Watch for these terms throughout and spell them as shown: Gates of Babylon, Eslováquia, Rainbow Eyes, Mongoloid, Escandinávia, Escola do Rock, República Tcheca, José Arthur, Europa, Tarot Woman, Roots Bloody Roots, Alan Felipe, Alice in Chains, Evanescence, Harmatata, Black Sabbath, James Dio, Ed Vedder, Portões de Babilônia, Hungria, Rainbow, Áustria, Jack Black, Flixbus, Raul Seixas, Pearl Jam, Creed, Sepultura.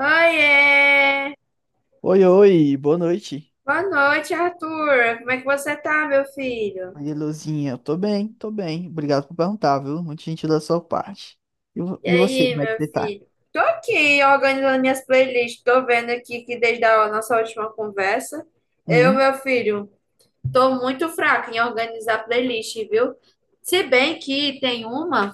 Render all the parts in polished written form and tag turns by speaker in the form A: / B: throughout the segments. A: Oiê!
B: Oi, oi, boa noite.
A: Boa noite, Arthur. Como é que você tá, meu filho?
B: Oi, Luzinha, eu tô bem, tô bem. Obrigado por perguntar, viu? Muito gentil da sua parte. E, vo-
A: E
B: e você,
A: aí,
B: como é que
A: meu
B: você tá?
A: filho? Tô aqui organizando minhas playlists. Tô vendo aqui que desde a nossa última conversa, eu,
B: Hum?
A: meu filho, tô muito fraca em organizar playlist, viu? Se bem que tem uma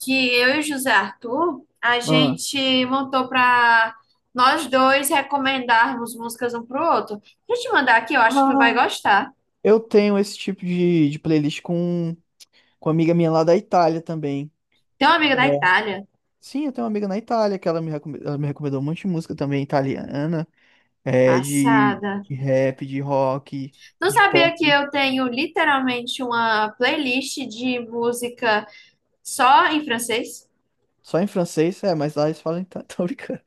A: que eu e o José Arthur, a
B: Ah.
A: gente montou pra nós dois recomendarmos músicas um pro outro. Deixa eu te mandar aqui, eu acho que tu vai
B: Ah,
A: gostar.
B: eu tenho esse tipo de playlist com uma amiga minha lá da Itália também.
A: Tem uma amiga da
B: É.
A: Itália.
B: Sim, eu tenho uma amiga na Itália que ela me recomendou um monte de música também italiana, de,
A: Passada.
B: de rap, de rock,
A: Tu
B: de
A: sabia
B: pop.
A: que eu tenho literalmente uma playlist de música só em francês?
B: Só em francês? É, mas lá eles falam. Tá, tô brincando.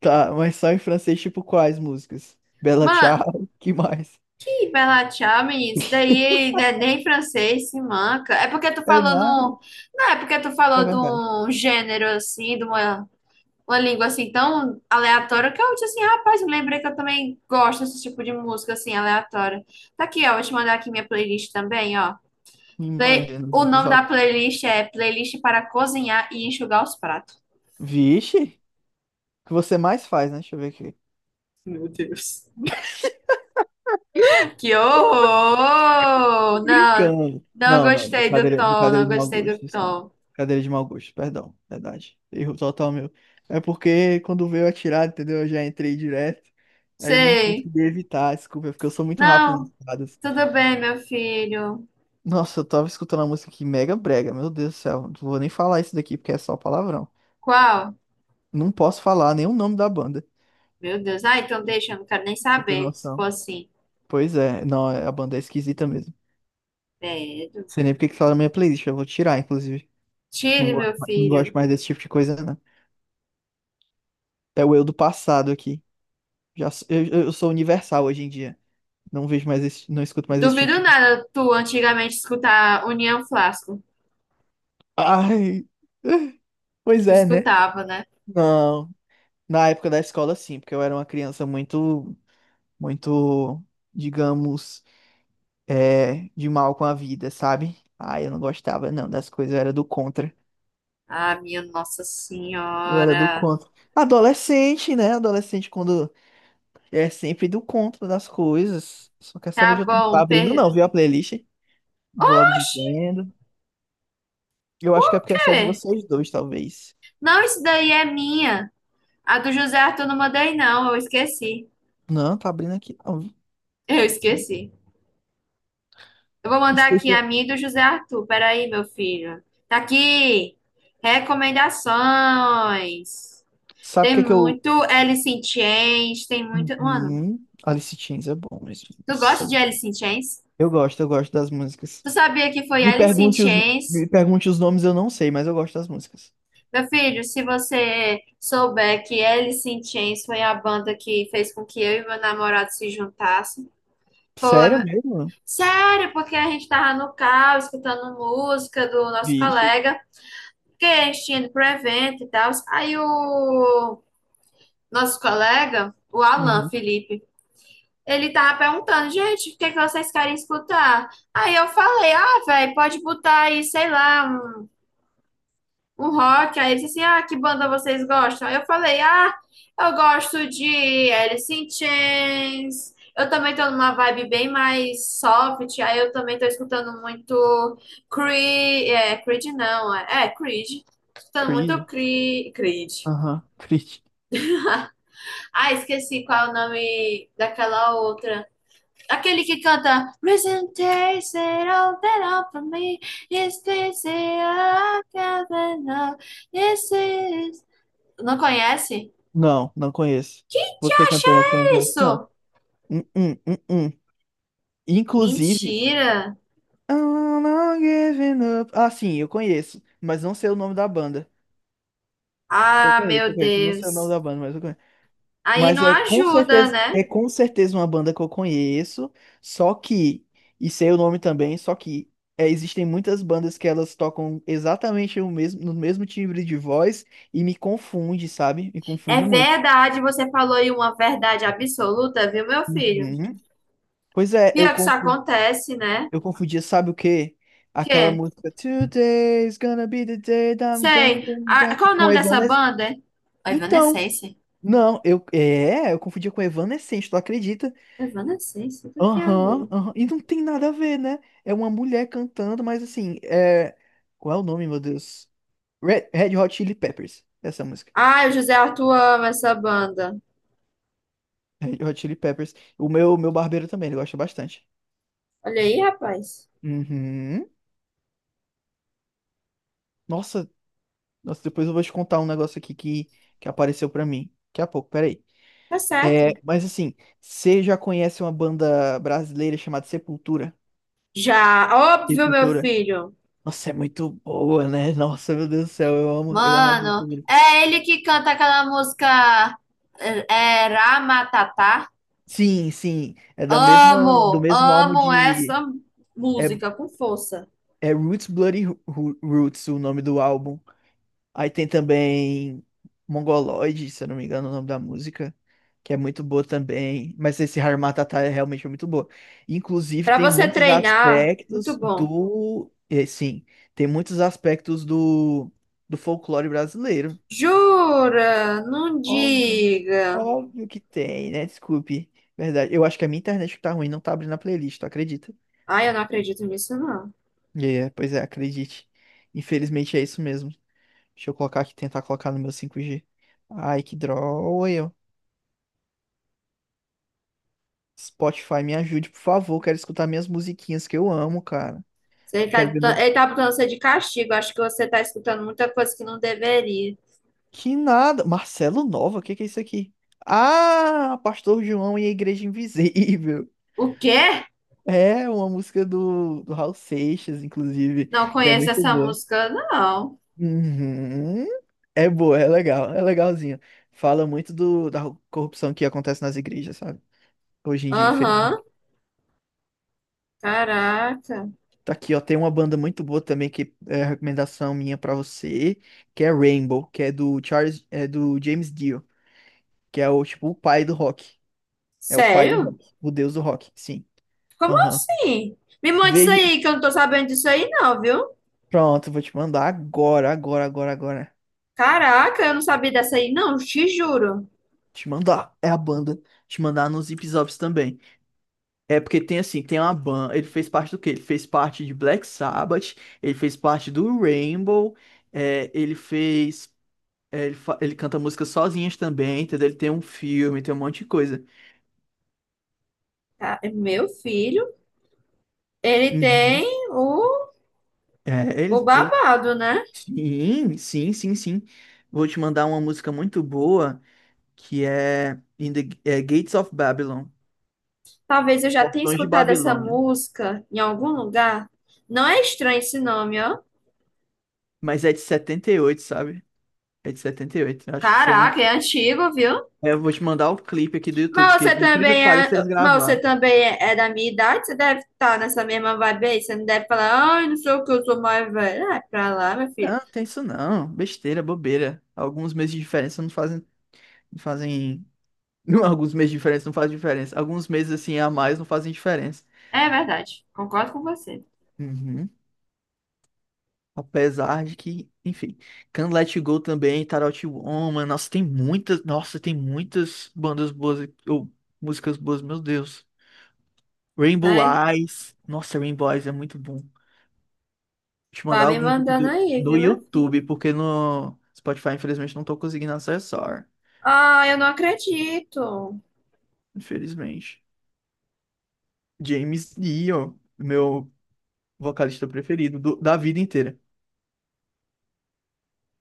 B: Tá, mas só em francês, tipo, quais músicas? Bella
A: Mano,
B: Ciao, que mais?
A: ih, Bela Tchau, menino, isso daí não é nem francês, se manca. É porque tu
B: É
A: falou
B: nada,
A: no. Não, é porque tu
B: é
A: falou de
B: verdade.
A: um gênero assim, de uma língua assim tão aleatória que eu disse assim, rapaz, eu lembrei que eu também gosto desse tipo de música assim, aleatória. Tá aqui, ó, vou te mandar aqui minha playlist também, ó.
B: Me imagina no
A: O
B: Zip
A: nome da
B: Zop.
A: playlist é Playlist para Cozinhar e Enxugar os Pratos.
B: Vixe, o que você mais faz, né? Deixa eu ver aqui.
A: Meu Deus. Que
B: Tô
A: horror! Não,
B: brincando.
A: não
B: Não, não,
A: gostei do
B: brincadeira,
A: tom,
B: brincadeira
A: não
B: de mau
A: gostei do
B: gosto, desculpa.
A: tom.
B: Brincadeira de mau gosto, perdão, verdade. Erro total meu. É porque quando veio atirar, entendeu? Eu já entrei direto. Aí eu não
A: Sei.
B: consegui evitar, desculpa, porque eu sou muito rápido
A: Não,
B: nas paradas.
A: tudo bem, meu filho.
B: Nossa, eu tava escutando uma música aqui mega brega, meu Deus do céu. Não vou nem falar isso daqui porque é só palavrão.
A: Qual?
B: Não posso falar nem o nome da banda, pra
A: Meu Deus. Ah, então deixa, eu não quero nem
B: você ter
A: saber se for
B: noção.
A: assim.
B: Pois é, não, a banda é esquisita mesmo.
A: Credo.
B: Não sei nem porque que tá na minha playlist, eu vou tirar, inclusive. Não
A: Tire,
B: gosto,
A: meu
B: ma- não
A: filho.
B: gosto mais desse tipo de coisa, não. É o eu do passado aqui. Já, eu sou universal hoje em dia. Não vejo mais esse, não escuto mais esse tipo
A: Duvido
B: de.
A: nada tu antigamente escutar União Flasco.
B: Ai! Pois
A: Tu
B: é, né?
A: escutava, né?
B: Não. Na época da escola, sim, porque eu era uma criança muito, muito, digamos. De mal com a vida, sabe? Ah, eu não gostava, não, das coisas, eu era do contra.
A: Ah, minha Nossa
B: Eu era do
A: Senhora.
B: contra. Adolescente, né? Adolescente quando é sempre do contra das coisas. Só quer saber de
A: Tá
B: outro. Tá
A: bom.
B: abrindo,
A: Per...
B: não, viu a playlist? Vou logo
A: Oxi,
B: dizendo. Eu acho
A: por
B: que é porque é só de
A: quê?
B: vocês dois, talvez.
A: Não, isso daí é minha. A do José Arthur não mandei, não. Eu esqueci.
B: Não, tá abrindo aqui, não.
A: Eu esqueci. Eu vou mandar aqui
B: Esqueci-
A: a minha e do José Arthur. Peraí, meu filho. Tá aqui. Recomendações.
B: Sabe o
A: Tem
B: que é que eu.
A: muito Alice in Chains. Tem muito. Mano,
B: Uhum. Alice Chains é bom mesmo.
A: tu
B: Nossa,
A: gosta
B: eu
A: de
B: gosto.
A: Alice in Chains?
B: Eu gosto, eu gosto das músicas.
A: Tu sabia que foi
B: Me
A: Alice in
B: pergunte os, me
A: Chains?
B: pergunte os nomes, eu não sei, mas eu gosto das músicas.
A: Meu filho, se você souber que Alice in Chains foi a banda que fez com que eu e meu namorado se juntassem. Foi,
B: Sério
A: meu-
B: mesmo?
A: sério, porque a gente tava no carro escutando música do nosso
B: Vixe.
A: colega, que a gente tinha ido pro evento e tal. Aí o nosso colega, o Alan
B: Uhum.
A: Felipe, ele tava perguntando, gente, o que é que vocês querem escutar? Aí eu falei, ah, velho, pode botar aí, sei lá, um rock. Aí ele disse assim: Ah, que banda vocês gostam? Aí eu falei: Ah, eu gosto de Alice in Chains. Eu também tô numa vibe bem mais soft. Aí eu também tô escutando muito Creed. É, Creed não, é, é Creed. Escutando muito
B: Creed.
A: Creed. Creed.
B: Aham. Creed.
A: Ah, esqueci qual é o nome daquela outra. Aquele que canta Reason takes it all that all for me. It's easy, I can't enough. It's easy, não conhece?
B: Não, não conheço.
A: Que
B: Você
A: acha
B: cantando essa eu não
A: é
B: conheço, não.
A: isso?
B: Hum, hum, hum, hum. Inclusive.
A: Mentira.
B: I'm not giving up. Ah, sim, eu conheço. Mas não sei o nome da banda. Eu
A: Ah,
B: conheço, eu
A: meu
B: conheço. Não sei o nome
A: Deus.
B: da banda, mas eu conheço.
A: Aí
B: Mas
A: não ajuda, né?
B: é com certeza uma banda que eu conheço, só que, e sei o nome também, existem muitas bandas que elas tocam exatamente o mesmo, no mesmo timbre de voz e me confunde, sabe? Me
A: É
B: confunde muito.
A: verdade, você falou aí uma verdade absoluta, viu, meu filho?
B: Uhum. Pois é, eu
A: Pior que isso
B: confundi,
A: acontece, né?
B: eu confundia, sabe o quê? Aquela
A: Que?
B: música Today's gonna be the day that I'm going
A: Sei.
B: to be
A: Ah,
B: back
A: qual o
B: com
A: nome dessa
B: Evanescence.
A: banda? A
B: Então,
A: Evanescence.
B: não, eu confundia com Evanescence, tu acredita?
A: Evanescence, o que tem a
B: Aham,
A: ver?
B: aham. E não tem nada a ver, né? É uma mulher cantando, mas assim, é. Qual é o nome, meu Deus? Red Hot Chili Peppers. Essa música.
A: Ah, o José Arthur ama essa banda.
B: Red Hot Chili Peppers. O meu barbeiro também, ele gosta bastante.
A: Olha aí, rapaz.
B: Uhum. Nossa, nossa, depois eu vou te contar um negócio aqui que apareceu pra mim. Daqui a pouco, peraí.
A: Tá
B: É,
A: certo.
B: mas assim, você já conhece uma banda brasileira chamada Sepultura?
A: Já, óbvio, meu
B: Sepultura.
A: filho.
B: Nossa, é muito boa, né? Nossa, meu Deus do céu, eu amo as
A: Mano,
B: músicas.
A: é ele que canta aquela música Ramatatá.
B: Sim, sim. Do
A: Amo,
B: mesmo álbum
A: amo
B: de.
A: essa
B: É,
A: música com força.
B: é Roots Bloody Roots, o nome do álbum. Aí tem também Mongoloid, se eu não me engano, o nome da música, que é muito boa também. Mas esse Harmatata é realmente muito boa. Inclusive,
A: Pra
B: tem
A: você
B: muitos
A: treinar, muito
B: aspectos
A: bom.
B: do. É, sim, tem muitos aspectos do folclore brasileiro.
A: Jura? Não
B: Óbvio.
A: diga.
B: Óbvio que tem, né? Desculpe. Verdade. Eu acho que a minha internet que tá ruim, não tá abrindo a playlist, tu acredita?
A: Ai, eu não acredito nisso, não.
B: E é, pois é, acredite. Infelizmente é isso mesmo. Deixa eu colocar aqui, tentar colocar no meu 5G. Ai, que droga, eu. Spotify, me ajude, por favor. Quero escutar minhas musiquinhas que eu amo, cara.
A: Ele
B: Quero
A: tá,
B: ver.
A: tá, ele tá botando você de castigo. Acho que você tá escutando muita coisa que não deveria.
B: Que nada. Marcelo Nova, o que que é isso aqui? Ah, Pastor João e a Igreja Invisível.
A: O quê?
B: É uma música do Raul Seixas, inclusive,
A: Não
B: que é
A: conhece
B: muito
A: essa
B: boa.
A: música, não.
B: Uhum. É boa, é legal, é legalzinho. Fala muito da corrupção que acontece nas igrejas, sabe? Hoje em dia,
A: Aham.
B: infelizmente.
A: Caraca.
B: Tá aqui, ó, tem uma banda muito boa também que é recomendação minha pra você, que é Rainbow, que é do Charles, é do James Dio, que é o tipo o pai do rock. É o pai do
A: Sério?
B: rock, o deus do rock, sim.
A: Como
B: Aham.
A: assim? Me manda isso
B: Veja,
A: aí, que eu não tô sabendo disso aí, não, viu?
B: pronto, vou te mandar agora, agora, agora, agora.
A: Caraca, eu não sabia dessa aí, não, te juro.
B: Te mandar, é a banda. Te mandar nos Zip Zops também. É porque tem assim, tem uma banda. Ele fez parte do quê? Ele fez parte de Black Sabbath, ele fez parte do Rainbow. É, ele fez É, ele, fa- ele canta músicas sozinhas também, entendeu? Ele tem um filme, tem um monte de coisa.
A: Tá, meu filho, ele
B: Uhum.
A: tem o,
B: É,
A: o
B: ele, ele...
A: babado, né?
B: Sim, sim, sim, sim. Vou te mandar uma música muito boa que é, Gates of Babylon,
A: Talvez eu já tenha
B: Portões de
A: escutado essa
B: Babilônia.
A: música em algum lugar. Não é estranho esse nome, ó.
B: Mas é de 78, sabe? É de 78. Eu acho que você não.
A: Caraca, é antigo, viu?
B: É, eu vou te mandar o clipe aqui do YouTube,
A: Mas
B: porque
A: você
B: por incrível que
A: também é,
B: pareça, eles
A: mas você
B: gravaram.
A: também é, é da minha idade, você deve estar nessa mesma vibe aí. Você não deve falar, ai, não sei o que, eu sou mais velho. Ah, é pra lá, meu
B: Não,
A: filho.
B: não tem isso não. Besteira, bobeira. Alguns meses de diferença não fazem, não fazem, não. Alguns meses de diferença não faz diferença. Alguns meses assim a mais não fazem diferença.
A: É verdade, concordo com você.
B: Uhum. Apesar de que, enfim, Can't Let You Go também, Tarot Woman, nossa, tem muitas bandas boas aqui, ou músicas boas, meu Deus. Rainbow
A: Vai,
B: Eyes, nossa, Rainbow Eyes é muito bom. Vou te
A: vai
B: mandar
A: me
B: algum
A: mandando aí,
B: no
A: viu, meu?
B: YouTube, porque no Spotify, infelizmente, não tô conseguindo acessar.
A: Ah, eu não acredito.
B: Infelizmente. James Dio, meu vocalista preferido da vida inteira.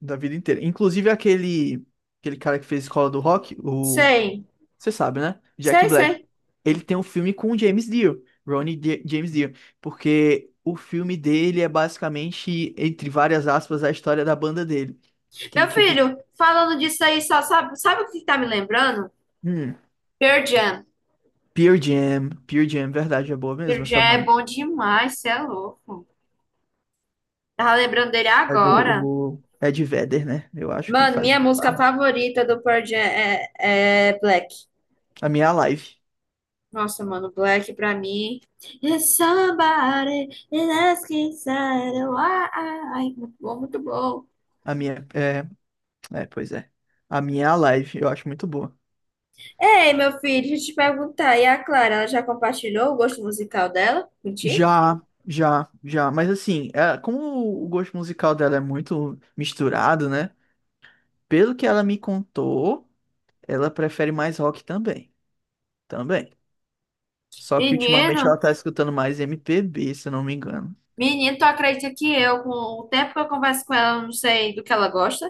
B: Da vida inteira. Inclusive aquele cara que fez Escola do Rock, o.
A: Sei,
B: Você sabe, né? Jack
A: sei,
B: Black.
A: sei.
B: Ele tem um filme com o James Dean, James Dio, porque o filme dele é basicamente, entre várias aspas, a história da banda dele.
A: Meu
B: Aquele tipo.
A: filho, falando disso aí, só sabe, sabe o que tá me lembrando?
B: Hum,
A: Pearl Jam.
B: Pearl Jam. Pearl Jam, verdade, é boa
A: Pearl
B: mesmo
A: Jam
B: essa
A: é
B: banda.
A: bom demais, você é louco. Tava lembrando dele
B: É do
A: agora.
B: o Ed Vedder, né? Eu acho que
A: Mano,
B: faz.
A: minha música favorita do Pearl Jam é Black.
B: A minha é a live.
A: Nossa, mano, Black pra mim. It's somebody is asking, inside. Why? Muito bom, muito bom.
B: A minha. É, pois é. A minha é a live, eu acho muito boa.
A: Ei, meu filho, deixa eu te perguntar. E a Clara, ela já compartilhou o gosto musical dela contigo?
B: Já, já, já. Mas assim, como o gosto musical dela é muito misturado, né? Pelo que ela me contou, ela prefere mais rock também. Também. Só que ultimamente ela
A: Menino,
B: tá escutando mais MPB, se eu não me engano.
A: menino, tu acredita que eu, com o tempo que eu converso com ela, eu não sei do que ela gosta?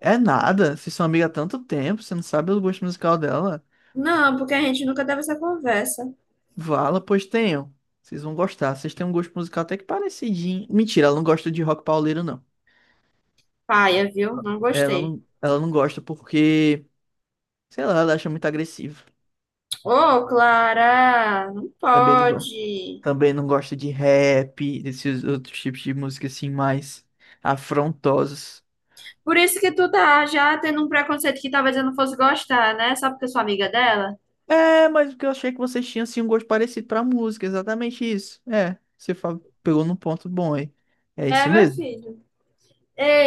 B: É nada. Vocês são amigas há tanto tempo, você não sabe o gosto musical dela.
A: Não, porque a gente nunca teve essa conversa.
B: Vala, pois tenham. Vocês vão gostar. Vocês têm um gosto musical até que parecidinho. Mentira, ela não gosta de rock pauleiro, não.
A: Paia, viu? Não
B: Ela
A: gostei.
B: não, ela não gosta porque, sei lá, ela acha muito agressivo.
A: Ô, Clara, não
B: Também não gosta.
A: pode.
B: Também não gosto de rap, desses outros tipos de música assim mais afrontosos.
A: Por isso que tu tá já tendo um preconceito que talvez eu não fosse gostar, né? Só porque eu sou amiga dela.
B: É, mas porque eu achei que vocês tinham assim um gosto parecido pra música, exatamente isso. É, você pegou num ponto bom aí. É
A: É,
B: isso
A: meu
B: mesmo.
A: filho.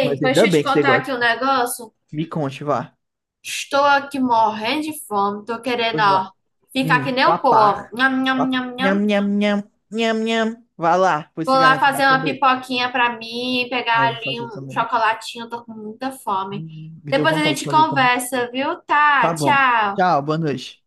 B: Mas
A: deixa
B: ainda
A: eu te
B: bem que você
A: contar
B: gosta.
A: aqui um negócio.
B: Me conte, vá.
A: Estou aqui morrendo de fome. Tô querendo,
B: Pois vá.
A: ó, ficar que nem o pô, ó.
B: Papar.
A: Nham, nham, nham, nham.
B: Nham, nham, nham, nham, nham. Vá lá, pois
A: Vou
B: se
A: lá
B: garanta vai
A: fazer uma
B: comer.
A: pipoquinha pra mim, pegar
B: Ah, eu vou
A: ali
B: fazer
A: um
B: também.
A: chocolatinho. Tô com muita fome.
B: Me deu
A: Depois a
B: vontade de
A: gente
B: fazer também.
A: conversa, viu?
B: Tá
A: Tá,
B: bom.
A: tchau.
B: Tchau, boa noite.